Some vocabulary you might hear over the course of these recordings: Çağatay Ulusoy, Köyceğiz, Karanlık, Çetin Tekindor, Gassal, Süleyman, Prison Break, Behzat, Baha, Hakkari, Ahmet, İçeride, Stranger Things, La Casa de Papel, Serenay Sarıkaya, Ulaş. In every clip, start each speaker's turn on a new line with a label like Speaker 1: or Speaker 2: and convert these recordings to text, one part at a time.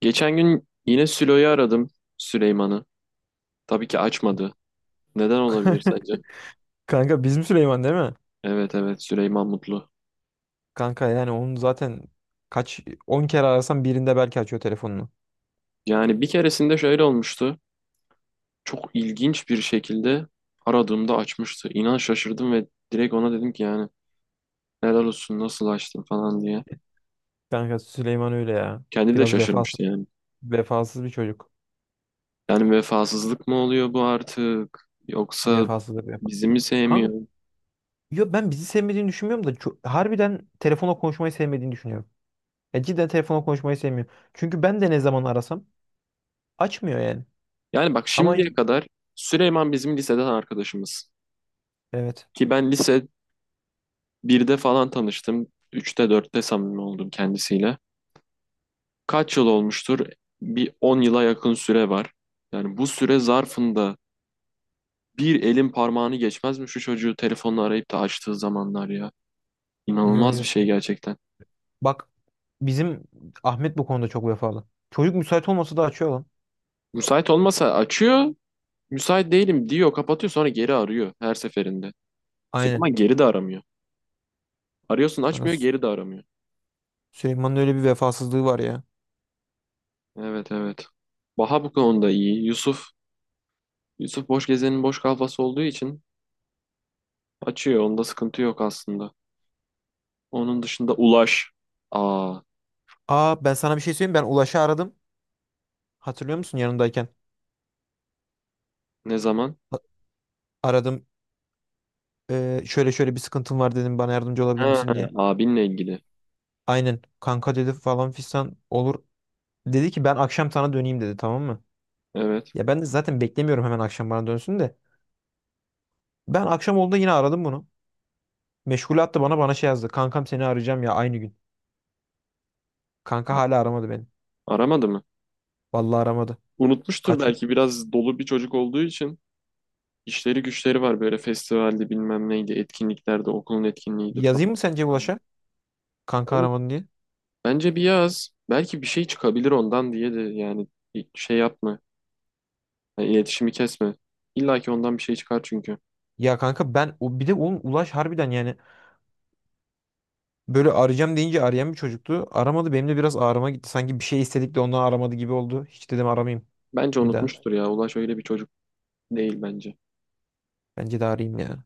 Speaker 1: Geçen gün yine Sülo'yu aradım Süleyman'ı. Tabii ki açmadı. Neden olabilir sence?
Speaker 2: Kanka bizim Süleyman değil mi?
Speaker 1: Evet, evet, Süleyman Mutlu.
Speaker 2: Kanka yani onu zaten kaç 10 kere arasan birinde belki açıyor telefonunu.
Speaker 1: Yani bir keresinde şöyle olmuştu. Çok ilginç bir şekilde aradığımda açmıştı. İnan şaşırdım ve direkt ona dedim ki yani helal olsun nasıl açtın falan diye.
Speaker 2: Kanka Süleyman öyle ya.
Speaker 1: Kendi de
Speaker 2: Biraz vefasız,
Speaker 1: şaşırmıştı yani.
Speaker 2: vefasız bir çocuk.
Speaker 1: Yani vefasızlık mı oluyor bu artık? Yoksa
Speaker 2: Vefasızdır vefa.
Speaker 1: bizi mi
Speaker 2: Kanka
Speaker 1: sevmiyor?
Speaker 2: ya ben bizi sevmediğini düşünmüyorum da harbiden telefonla konuşmayı sevmediğini düşünüyorum. Ya cidden telefonla konuşmayı sevmiyor. Çünkü ben de ne zaman arasam açmıyor yani.
Speaker 1: Yani bak
Speaker 2: Ama
Speaker 1: şimdiye
Speaker 2: y-
Speaker 1: kadar Süleyman bizim liseden arkadaşımız.
Speaker 2: evet.
Speaker 1: Ki ben lise birde falan tanıştım. Üçte dörtte samimi oldum kendisiyle. Kaç yıl olmuştur? Bir 10 yıla yakın süre var. Yani bu süre zarfında bir elin parmağını geçmez mi şu çocuğu telefonla arayıp da açtığı zamanlar ya?
Speaker 2: Yo
Speaker 1: İnanılmaz
Speaker 2: yo.
Speaker 1: bir şey gerçekten.
Speaker 2: Bak bizim Ahmet bu konuda çok vefalı. Çocuk müsait olmasa da açıyor lan.
Speaker 1: Müsait olmasa açıyor, müsait değilim diyor, kapatıyor sonra geri arıyor her seferinde.
Speaker 2: Aynen.
Speaker 1: Süleyman geri de aramıyor. Arıyorsun
Speaker 2: Kanka
Speaker 1: açmıyor,
Speaker 2: Sü-
Speaker 1: geri de aramıyor.
Speaker 2: Süleyman'ın öyle bir vefasızlığı var ya.
Speaker 1: Evet, evet. Baha bu konuda iyi. Yusuf boş gezenin boş kafası olduğu için açıyor. Onda sıkıntı yok aslında. Onun dışında Ulaş. Aa,
Speaker 2: Aa, ben sana bir şey söyleyeyim. Ben Ulaş'ı aradım. Hatırlıyor musun yanındayken?
Speaker 1: ne zaman?
Speaker 2: A- Aradım. Şöyle şöyle bir sıkıntım var dedim. Bana yardımcı olabilir
Speaker 1: Ha,
Speaker 2: misin diye.
Speaker 1: abinle ilgili.
Speaker 2: Aynen. Kanka dedi falan fistan olur. Dedi ki ben akşam sana döneyim dedi, tamam mı?
Speaker 1: Evet.
Speaker 2: Ya ben de zaten beklemiyorum hemen akşam bana dönsün de. Ben akşam oldu yine aradım bunu. Meşgul attı bana, şey yazdı. Kankam seni arayacağım ya aynı gün. Kanka hala aramadı beni.
Speaker 1: Aramadı mı?
Speaker 2: Vallahi aramadı.
Speaker 1: Unutmuştur
Speaker 2: Kaç gün.
Speaker 1: belki biraz dolu bir çocuk olduğu için. İşleri güçleri var böyle festivalde bilmem neydi, etkinliklerde, okulun etkinliğiydi falan.
Speaker 2: Yazayım mı sence Ulaş'a? Kanka
Speaker 1: Ben-
Speaker 2: aramadın diye.
Speaker 1: Bence bir yaz. Belki bir şey çıkabilir ondan diye de yani şey yapma. Yani iletişimi kesme. İlla ki ondan bir şey çıkar çünkü.
Speaker 2: Ya kanka ben, o bir de oğlum Ulaş harbiden yani böyle arayacağım deyince arayan bir çocuktu. Aramadı, benim de biraz ağrıma gitti. Sanki bir şey istedik de ondan aramadı gibi oldu. Hiç dedim aramayayım
Speaker 1: Bence
Speaker 2: bir daha.
Speaker 1: unutmuştur ya. Ulaş öyle bir çocuk değil bence.
Speaker 2: Bence de arayayım ya.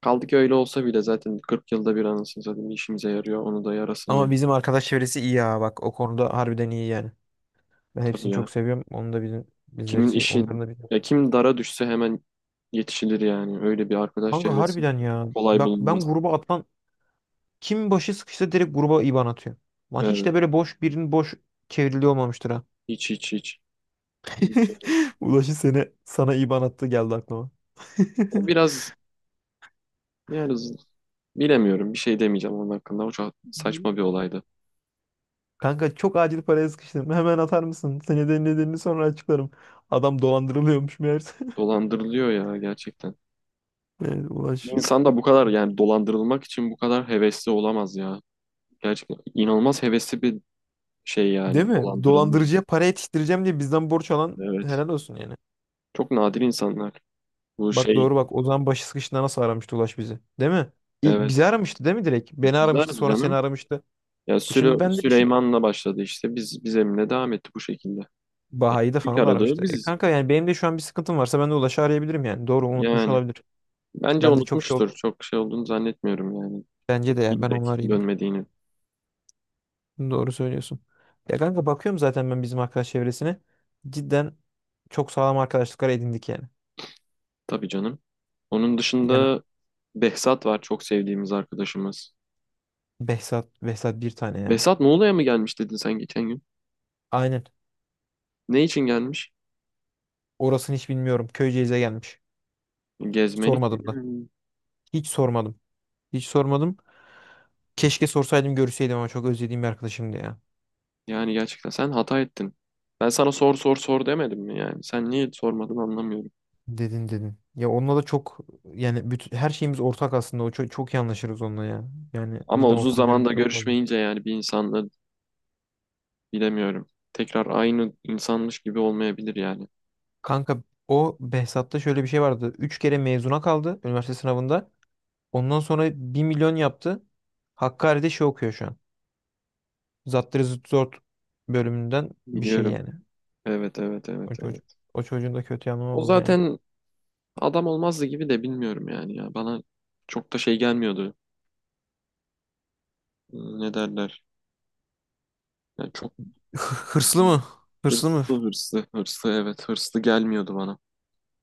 Speaker 1: Kaldı ki öyle olsa bile zaten 40 yılda bir anasını satayım işimize yarıyor. Onu da yarasın.
Speaker 2: Ama bizim arkadaş çevresi iyi ya, bak o konuda harbiden iyi yani. Ben
Speaker 1: Tabii
Speaker 2: hepsini
Speaker 1: ya.
Speaker 2: çok seviyorum. Onu da bizim bizleri
Speaker 1: Kimin işi
Speaker 2: onların da bizim.
Speaker 1: ya kim dara düşse hemen yetişilir yani. Öyle bir arkadaş
Speaker 2: Kanka
Speaker 1: çevresi
Speaker 2: harbiden ya.
Speaker 1: kolay
Speaker 2: Bak ben
Speaker 1: bulunmaz.
Speaker 2: gruba atlan kim başı sıkışsa direkt gruba IBAN atıyor. Lan hiç
Speaker 1: Evet.
Speaker 2: de böyle boş birinin boş çevrildiği olmamıştır ha.
Speaker 1: Hiç, hiç, hiç. Hiç yani.
Speaker 2: Ulaşı seni sana IBAN attı geldi aklıma.
Speaker 1: O biraz yani bilemiyorum. Bir şey demeyeceğim onun hakkında. O çok saçma bir olaydı.
Speaker 2: Kanka çok acil paraya sıkıştım. Hemen atar mısın? Senede nedenini sonra açıklarım. Adam dolandırılıyormuş meğerse.
Speaker 1: Dolandırılıyor ya gerçekten.
Speaker 2: Evet, Ulaş.
Speaker 1: İnsan da bu kadar yani dolandırılmak için bu kadar hevesli olamaz ya. Gerçekten inanılmaz hevesli bir şey
Speaker 2: Değil
Speaker 1: yani
Speaker 2: mi?
Speaker 1: dolandırılmayız.
Speaker 2: Dolandırıcıya para yetiştireceğim diye bizden borç alan
Speaker 1: Evet.
Speaker 2: helal olsun yani.
Speaker 1: Çok nadir insanlar. Bu
Speaker 2: Bak
Speaker 1: şey
Speaker 2: doğru, bak. O zaman başı sıkıştığında nasıl aramıştı Ulaş bizi? Değil mi?
Speaker 1: evet.
Speaker 2: Bizi aramıştı değil mi direkt? Beni
Speaker 1: İkizler
Speaker 2: aramıştı sonra seni
Speaker 1: canım.
Speaker 2: aramıştı.
Speaker 1: Ya
Speaker 2: E şimdi ben de bir şey,
Speaker 1: Süleyman'la başladı işte. Biz Emine devam etti bu şekilde. E,
Speaker 2: Baha'yı da
Speaker 1: İlk
Speaker 2: falan da
Speaker 1: aradığı
Speaker 2: aramıştı. E
Speaker 1: biziz.
Speaker 2: kanka yani benim de şu an bir sıkıntım varsa ben de Ulaş'ı arayabilirim yani. Doğru, unutmuş
Speaker 1: Yani
Speaker 2: olabilir.
Speaker 1: bence
Speaker 2: Ben de çok şey ol-
Speaker 1: unutmuştur. Çok şey olduğunu zannetmiyorum yani.
Speaker 2: Bence de ya ben onu
Speaker 1: Bilerek
Speaker 2: arayayım
Speaker 1: dönmediğini.
Speaker 2: bir. Doğru söylüyorsun. Ya kanka bakıyorum zaten ben bizim arkadaş çevresine. Cidden çok sağlam arkadaşlıklar edindik yani.
Speaker 1: Tabii canım. Onun
Speaker 2: Yani
Speaker 1: dışında Behzat var çok sevdiğimiz arkadaşımız.
Speaker 2: Behzat bir tane ya.
Speaker 1: Behzat Muğla'ya mı gelmiş dedin sen geçen gün?
Speaker 2: Aynen.
Speaker 1: Ne için gelmiş?
Speaker 2: Orasını hiç bilmiyorum. Köyceğiz'e gelmiş.
Speaker 1: Gezmelik mi?
Speaker 2: Sormadım da. Hiç sormadım. Hiç sormadım. Keşke sorsaydım görseydim, ama çok özlediğim bir arkadaşımdı ya.
Speaker 1: Yani gerçekten sen hata ettin. Ben sana sor sor sor demedim mi yani? Sen niye sormadın anlamıyorum.
Speaker 2: Dedin, dedin. Ya onunla da çok yani bütün, her şeyimiz ortak aslında. O çok, çok iyi anlaşırız onunla ya. Yani
Speaker 1: Ama
Speaker 2: cidden
Speaker 1: uzun
Speaker 2: ortak yönümüz
Speaker 1: zamanda
Speaker 2: çok fazla.
Speaker 1: görüşmeyince yani bir insanla, bilemiyorum. Tekrar aynı insanmış gibi olmayabilir yani.
Speaker 2: Kanka o Behzat'ta şöyle bir şey vardı. Üç kere mezuna kaldı üniversite sınavında. Ondan sonra bir milyon yaptı. Hakkari'de şey okuyor şu an. Zattır Zıtt Zort bölümünden bir şey
Speaker 1: Biliyorum.
Speaker 2: yani.
Speaker 1: Evet, evet, evet,
Speaker 2: O çocuk.
Speaker 1: evet.
Speaker 2: O çocuğun da kötü yanı
Speaker 1: O
Speaker 2: oldu yani.
Speaker 1: zaten adam olmazdı gibi de bilmiyorum yani ya. Bana çok da şey gelmiyordu. Ne derler? Yani çok
Speaker 2: Hırslı mı? Hırslı mı?
Speaker 1: hırslı, hırslı, hırslı, evet, hırslı gelmiyordu bana.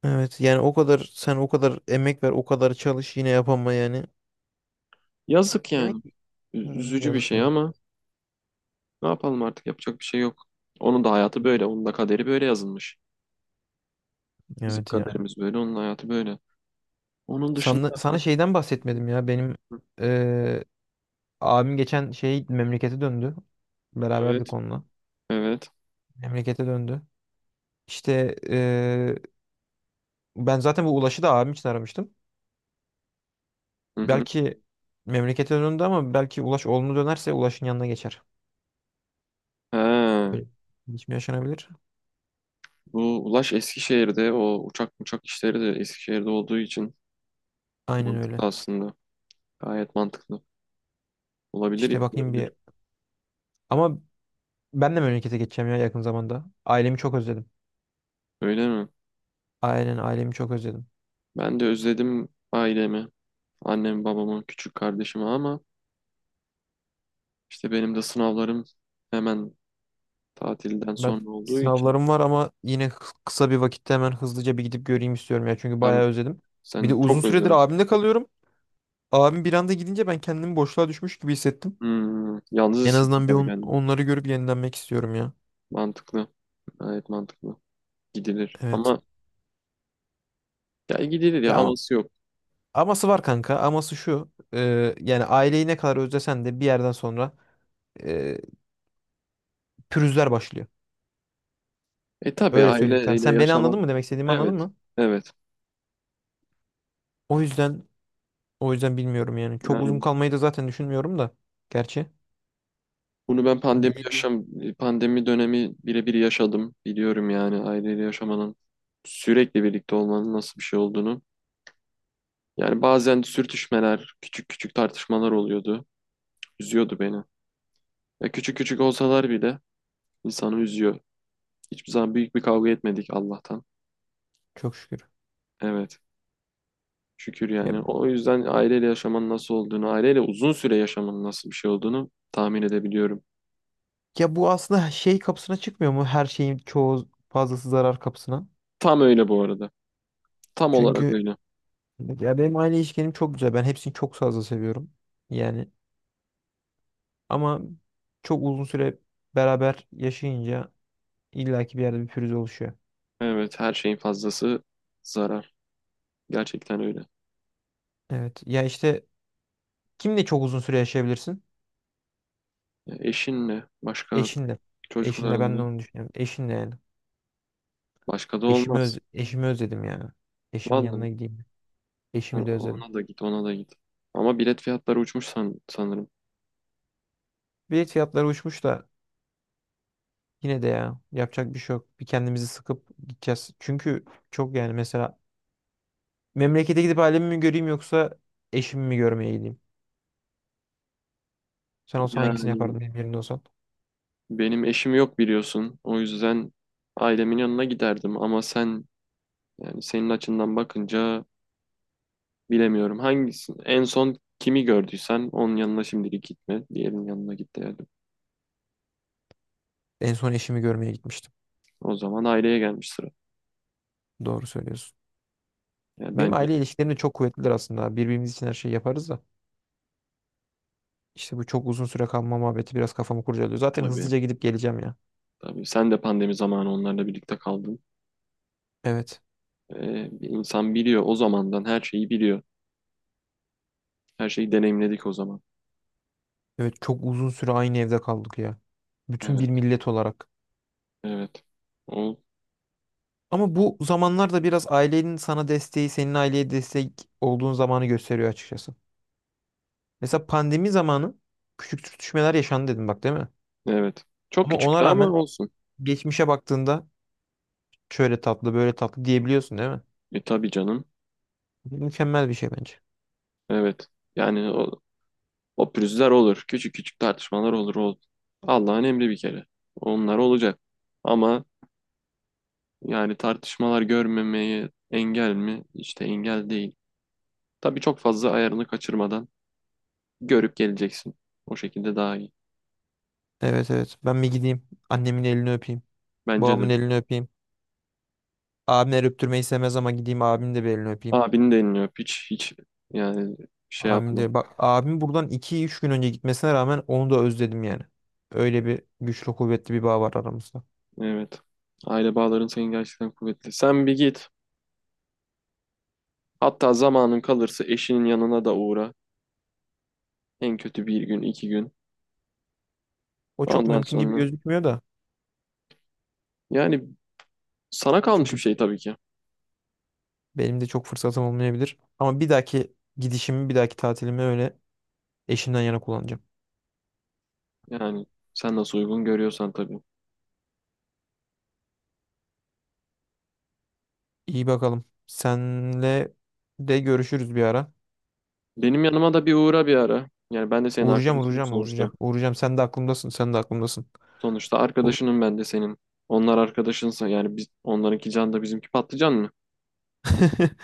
Speaker 2: Evet yani o kadar, sen o kadar emek ver o kadar çalış yine yapama yani.
Speaker 1: Yazık yani.
Speaker 2: Demek ki hı,
Speaker 1: Üzücü bir
Speaker 2: yazık
Speaker 1: şey
Speaker 2: yazık.
Speaker 1: ama ne yapalım artık yapacak bir şey yok. Onun da hayatı böyle. Onun da kaderi böyle yazılmış. Bizim
Speaker 2: Evet ya.
Speaker 1: kaderimiz böyle. Onun hayatı böyle. Onun
Speaker 2: Sana,
Speaker 1: dışında.
Speaker 2: sana şeyden bahsetmedim ya. Benim eee, abim geçen şey memlekete döndü.
Speaker 1: Evet.
Speaker 2: Beraberdik onunla.
Speaker 1: Evet.
Speaker 2: Memlekete döndü. İşte ben zaten bu Ulaş'ı da abim için aramıştım.
Speaker 1: Hı hı.
Speaker 2: Belki memlekete döndü ama belki Ulaş olumlu dönerse Ulaş'ın yanına geçer.
Speaker 1: Ha.
Speaker 2: Öyle. Hiç mi yaşanabilir?
Speaker 1: Bu Ulaş Eskişehir'de o uçak işleri de Eskişehir'de olduğu için
Speaker 2: Aynen
Speaker 1: mantıklı
Speaker 2: öyle.
Speaker 1: aslında. Gayet mantıklı. Olabilir
Speaker 2: İşte bakayım
Speaker 1: yapılabilir.
Speaker 2: bir. Ama ben de memlekete geçeceğim ya yakın zamanda. Ailemi çok özledim.
Speaker 1: Öyle mi?
Speaker 2: Aynen, ailemi çok özledim.
Speaker 1: Ben de özledim ailemi, annemi, babamı, küçük kardeşimi ama işte benim de sınavlarım hemen tatilden
Speaker 2: Ben
Speaker 1: sonra olduğu için
Speaker 2: sınavlarım var ama yine kısa bir vakitte hemen hızlıca bir gidip göreyim istiyorum ya. Çünkü
Speaker 1: hem
Speaker 2: bayağı özledim. Bir de
Speaker 1: sen
Speaker 2: uzun
Speaker 1: çok
Speaker 2: süredir
Speaker 1: özlemişsin.
Speaker 2: abimde kalıyorum. Abim bir anda gidince ben kendimi boşluğa düşmüş gibi hissettim.
Speaker 1: Yalnız
Speaker 2: En
Speaker 1: hissettim
Speaker 2: azından bir
Speaker 1: tabii kendimi.
Speaker 2: onları görüp yenilenmek istiyorum ya.
Speaker 1: Mantıklı. Gayet mantıklı. Gidilir.
Speaker 2: Evet.
Speaker 1: Ama ya gidilir ya
Speaker 2: Ya ama
Speaker 1: aması yok.
Speaker 2: Aması var kanka. Aması şu. Yani aileyi ne kadar özlesen de bir yerden sonra e, pürüzler başlıyor.
Speaker 1: E tabii
Speaker 2: Öyle söyleyeyim sana.
Speaker 1: aileyle
Speaker 2: Sen beni
Speaker 1: yaşamak.
Speaker 2: anladın mı? Demek istediğimi anladın
Speaker 1: Evet.
Speaker 2: mı?
Speaker 1: Evet.
Speaker 2: O yüzden o yüzden bilmiyorum yani. Çok uzun
Speaker 1: Yani
Speaker 2: kalmayı da zaten düşünmüyorum da. Gerçi.
Speaker 1: bunu ben
Speaker 2: Bir gideyim.
Speaker 1: pandemi dönemi birebir yaşadım. Biliyorum yani aileyle yaşamanın sürekli birlikte olmanın nasıl bir şey olduğunu. Yani bazen sürtüşmeler, küçük küçük tartışmalar oluyordu. Üzüyordu beni. Ya küçük küçük olsalar bile insanı üzüyor. Hiçbir zaman büyük bir kavga etmedik Allah'tan.
Speaker 2: Çok şükür.
Speaker 1: Evet. Şükür
Speaker 2: Ya,
Speaker 1: yani. O yüzden aileyle yaşamanın nasıl olduğunu, aileyle uzun süre yaşamanın nasıl bir şey olduğunu tahmin edebiliyorum.
Speaker 2: ya bu aslında şey kapısına çıkmıyor mu? Her şeyin çoğu fazlası zarar kapısına.
Speaker 1: Tam öyle bu arada. Tam olarak
Speaker 2: Çünkü
Speaker 1: öyle.
Speaker 2: ya benim aile ilişkilerim çok güzel. Ben hepsini çok fazla seviyorum. Yani ama çok uzun süre beraber yaşayınca illaki bir yerde bir pürüz oluşuyor.
Speaker 1: Evet, her şeyin fazlası zarar. Gerçekten öyle.
Speaker 2: Evet. Ya işte kimle çok uzun süre yaşayabilirsin?
Speaker 1: Ya eşinle, başka
Speaker 2: Eşinle. Eşinle ben de
Speaker 1: çocuklarınla,
Speaker 2: onu düşünüyorum. Eşinle yani.
Speaker 1: başka da olmaz.
Speaker 2: Eşimi özledim yani. Eşimin
Speaker 1: Vallahi
Speaker 2: yanına gideyim. Eşimi de
Speaker 1: o-
Speaker 2: özledim.
Speaker 1: ona da git, ona da git. Ama bilet fiyatları uçmuş sanırım.
Speaker 2: Bilet fiyatları uçmuş da yine de ya yapacak bir şey yok. Bir kendimizi sıkıp gideceğiz. Çünkü çok yani mesela memlekete gidip ailemi mi göreyim yoksa eşimi mi görmeye gideyim? Sen olsan hangisini
Speaker 1: Yani
Speaker 2: yapardın benim yerimde olsan?
Speaker 1: benim eşim yok biliyorsun. O yüzden ailemin yanına giderdim ama sen yani senin açından bakınca bilemiyorum. Hangisi en son kimi gördüysen onun yanına şimdilik gitme. Diğerinin yanına git derdim.
Speaker 2: En son eşimi görmeye gitmiştim.
Speaker 1: O zaman aileye gelmiş sıra.
Speaker 2: Doğru söylüyorsun.
Speaker 1: Yani
Speaker 2: Benim
Speaker 1: bence
Speaker 2: aile ilişkilerim de çok kuvvetlidir aslında. Birbirimiz için her şeyi yaparız da. İşte bu çok uzun süre kalma muhabbeti biraz kafamı kurcalıyor. Zaten
Speaker 1: tabii,
Speaker 2: hızlıca gidip geleceğim ya.
Speaker 1: tabii, sen de pandemi zamanı onlarla birlikte kaldın.
Speaker 2: Evet.
Speaker 1: Bir insan biliyor o zamandan her şeyi biliyor. Her şeyi deneyimledik o zaman.
Speaker 2: Evet, çok uzun süre aynı evde kaldık ya. Bütün
Speaker 1: Evet,
Speaker 2: bir millet olarak.
Speaker 1: evet. O,
Speaker 2: Ama bu zamanlarda biraz ailenin sana desteği, senin aileye destek olduğun zamanı gösteriyor açıkçası. Mesela pandemi zamanı küçük sürtüşmeler yaşandı dedim bak, değil mi?
Speaker 1: evet. Çok
Speaker 2: Ama
Speaker 1: küçüktü
Speaker 2: ona
Speaker 1: ama
Speaker 2: rağmen
Speaker 1: olsun.
Speaker 2: geçmişe baktığında şöyle tatlı, böyle tatlı diyebiliyorsun değil mi?
Speaker 1: E tabii canım.
Speaker 2: Mükemmel bir şey bence.
Speaker 1: Evet. Yani o pürüzler olur. Küçük küçük tartışmalar olur. O, Allah'ın emri bir kere. Onlar olacak. Ama yani tartışmalar görmemeye engel mi? İşte engel değil. Tabii çok fazla ayarını kaçırmadan görüp geleceksin. O şekilde daha iyi.
Speaker 2: Evet, evet. Ben bir gideyim. Annemin elini öpeyim.
Speaker 1: Bence
Speaker 2: Babamın
Speaker 1: de.
Speaker 2: elini öpeyim. Abimler öptürmeyi sevmez ama gideyim abimin de bir elini öpeyim.
Speaker 1: Abini de elini öp. Hiç, hiç yani şey
Speaker 2: Abim
Speaker 1: yapma.
Speaker 2: de, bak abim buradan iki üç gün önce gitmesine rağmen onu da özledim yani. Öyle bir güçlü kuvvetli bir bağ var aramızda.
Speaker 1: Evet. Aile bağların senin gerçekten kuvvetli. Sen bir git. Hatta zamanın kalırsa eşinin yanına da uğra. En kötü bir gün, 2 gün.
Speaker 2: O çok
Speaker 1: Ondan
Speaker 2: mümkün gibi
Speaker 1: sonra
Speaker 2: gözükmüyor da.
Speaker 1: yani sana kalmış bir
Speaker 2: Çünkü
Speaker 1: şey tabii ki.
Speaker 2: benim de çok fırsatım olmayabilir. Ama bir dahaki gidişimi, bir dahaki tatilimi öyle eşimden yana kullanacağım.
Speaker 1: Yani sen nasıl uygun görüyorsan tabii.
Speaker 2: İyi bakalım. Senle de görüşürüz bir ara.
Speaker 1: Benim yanıma da bir uğra bir ara. Yani ben de senin
Speaker 2: Uğrayacağım
Speaker 1: arkadaşınım
Speaker 2: uğrayacağım
Speaker 1: sonuçta.
Speaker 2: uğrayacağım. Uğrayacağım, sen de aklımdasın. Sen de aklımdasın
Speaker 1: Sonuçta
Speaker 2: Uğ-
Speaker 1: arkadaşınım ben de senin. Onlar arkadaşınsa yani biz onlarınki can da bizimki patlıcan mı?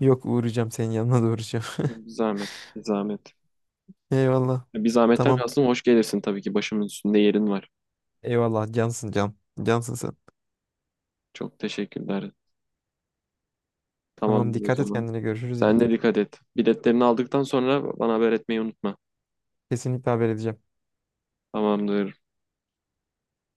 Speaker 2: Yok, uğrayacağım, senin yanına da uğrayacağım.
Speaker 1: Bir zahmet, bir zahmet.
Speaker 2: Eyvallah.
Speaker 1: Bir zahmetten
Speaker 2: Tamam.
Speaker 1: kastım hoş gelirsin tabii ki. Başımın üstünde yerin var.
Speaker 2: Eyvallah, cansın can. Cansın sen.
Speaker 1: Çok teşekkürler.
Speaker 2: Tamam,
Speaker 1: Tamamdır o
Speaker 2: dikkat et
Speaker 1: zaman.
Speaker 2: kendine, görüşürüz yine.
Speaker 1: Sen de dikkat et. Biletlerini aldıktan sonra bana haber etmeyi unutma.
Speaker 2: Kesinlikle haber edeceğim.
Speaker 1: Tamamdır.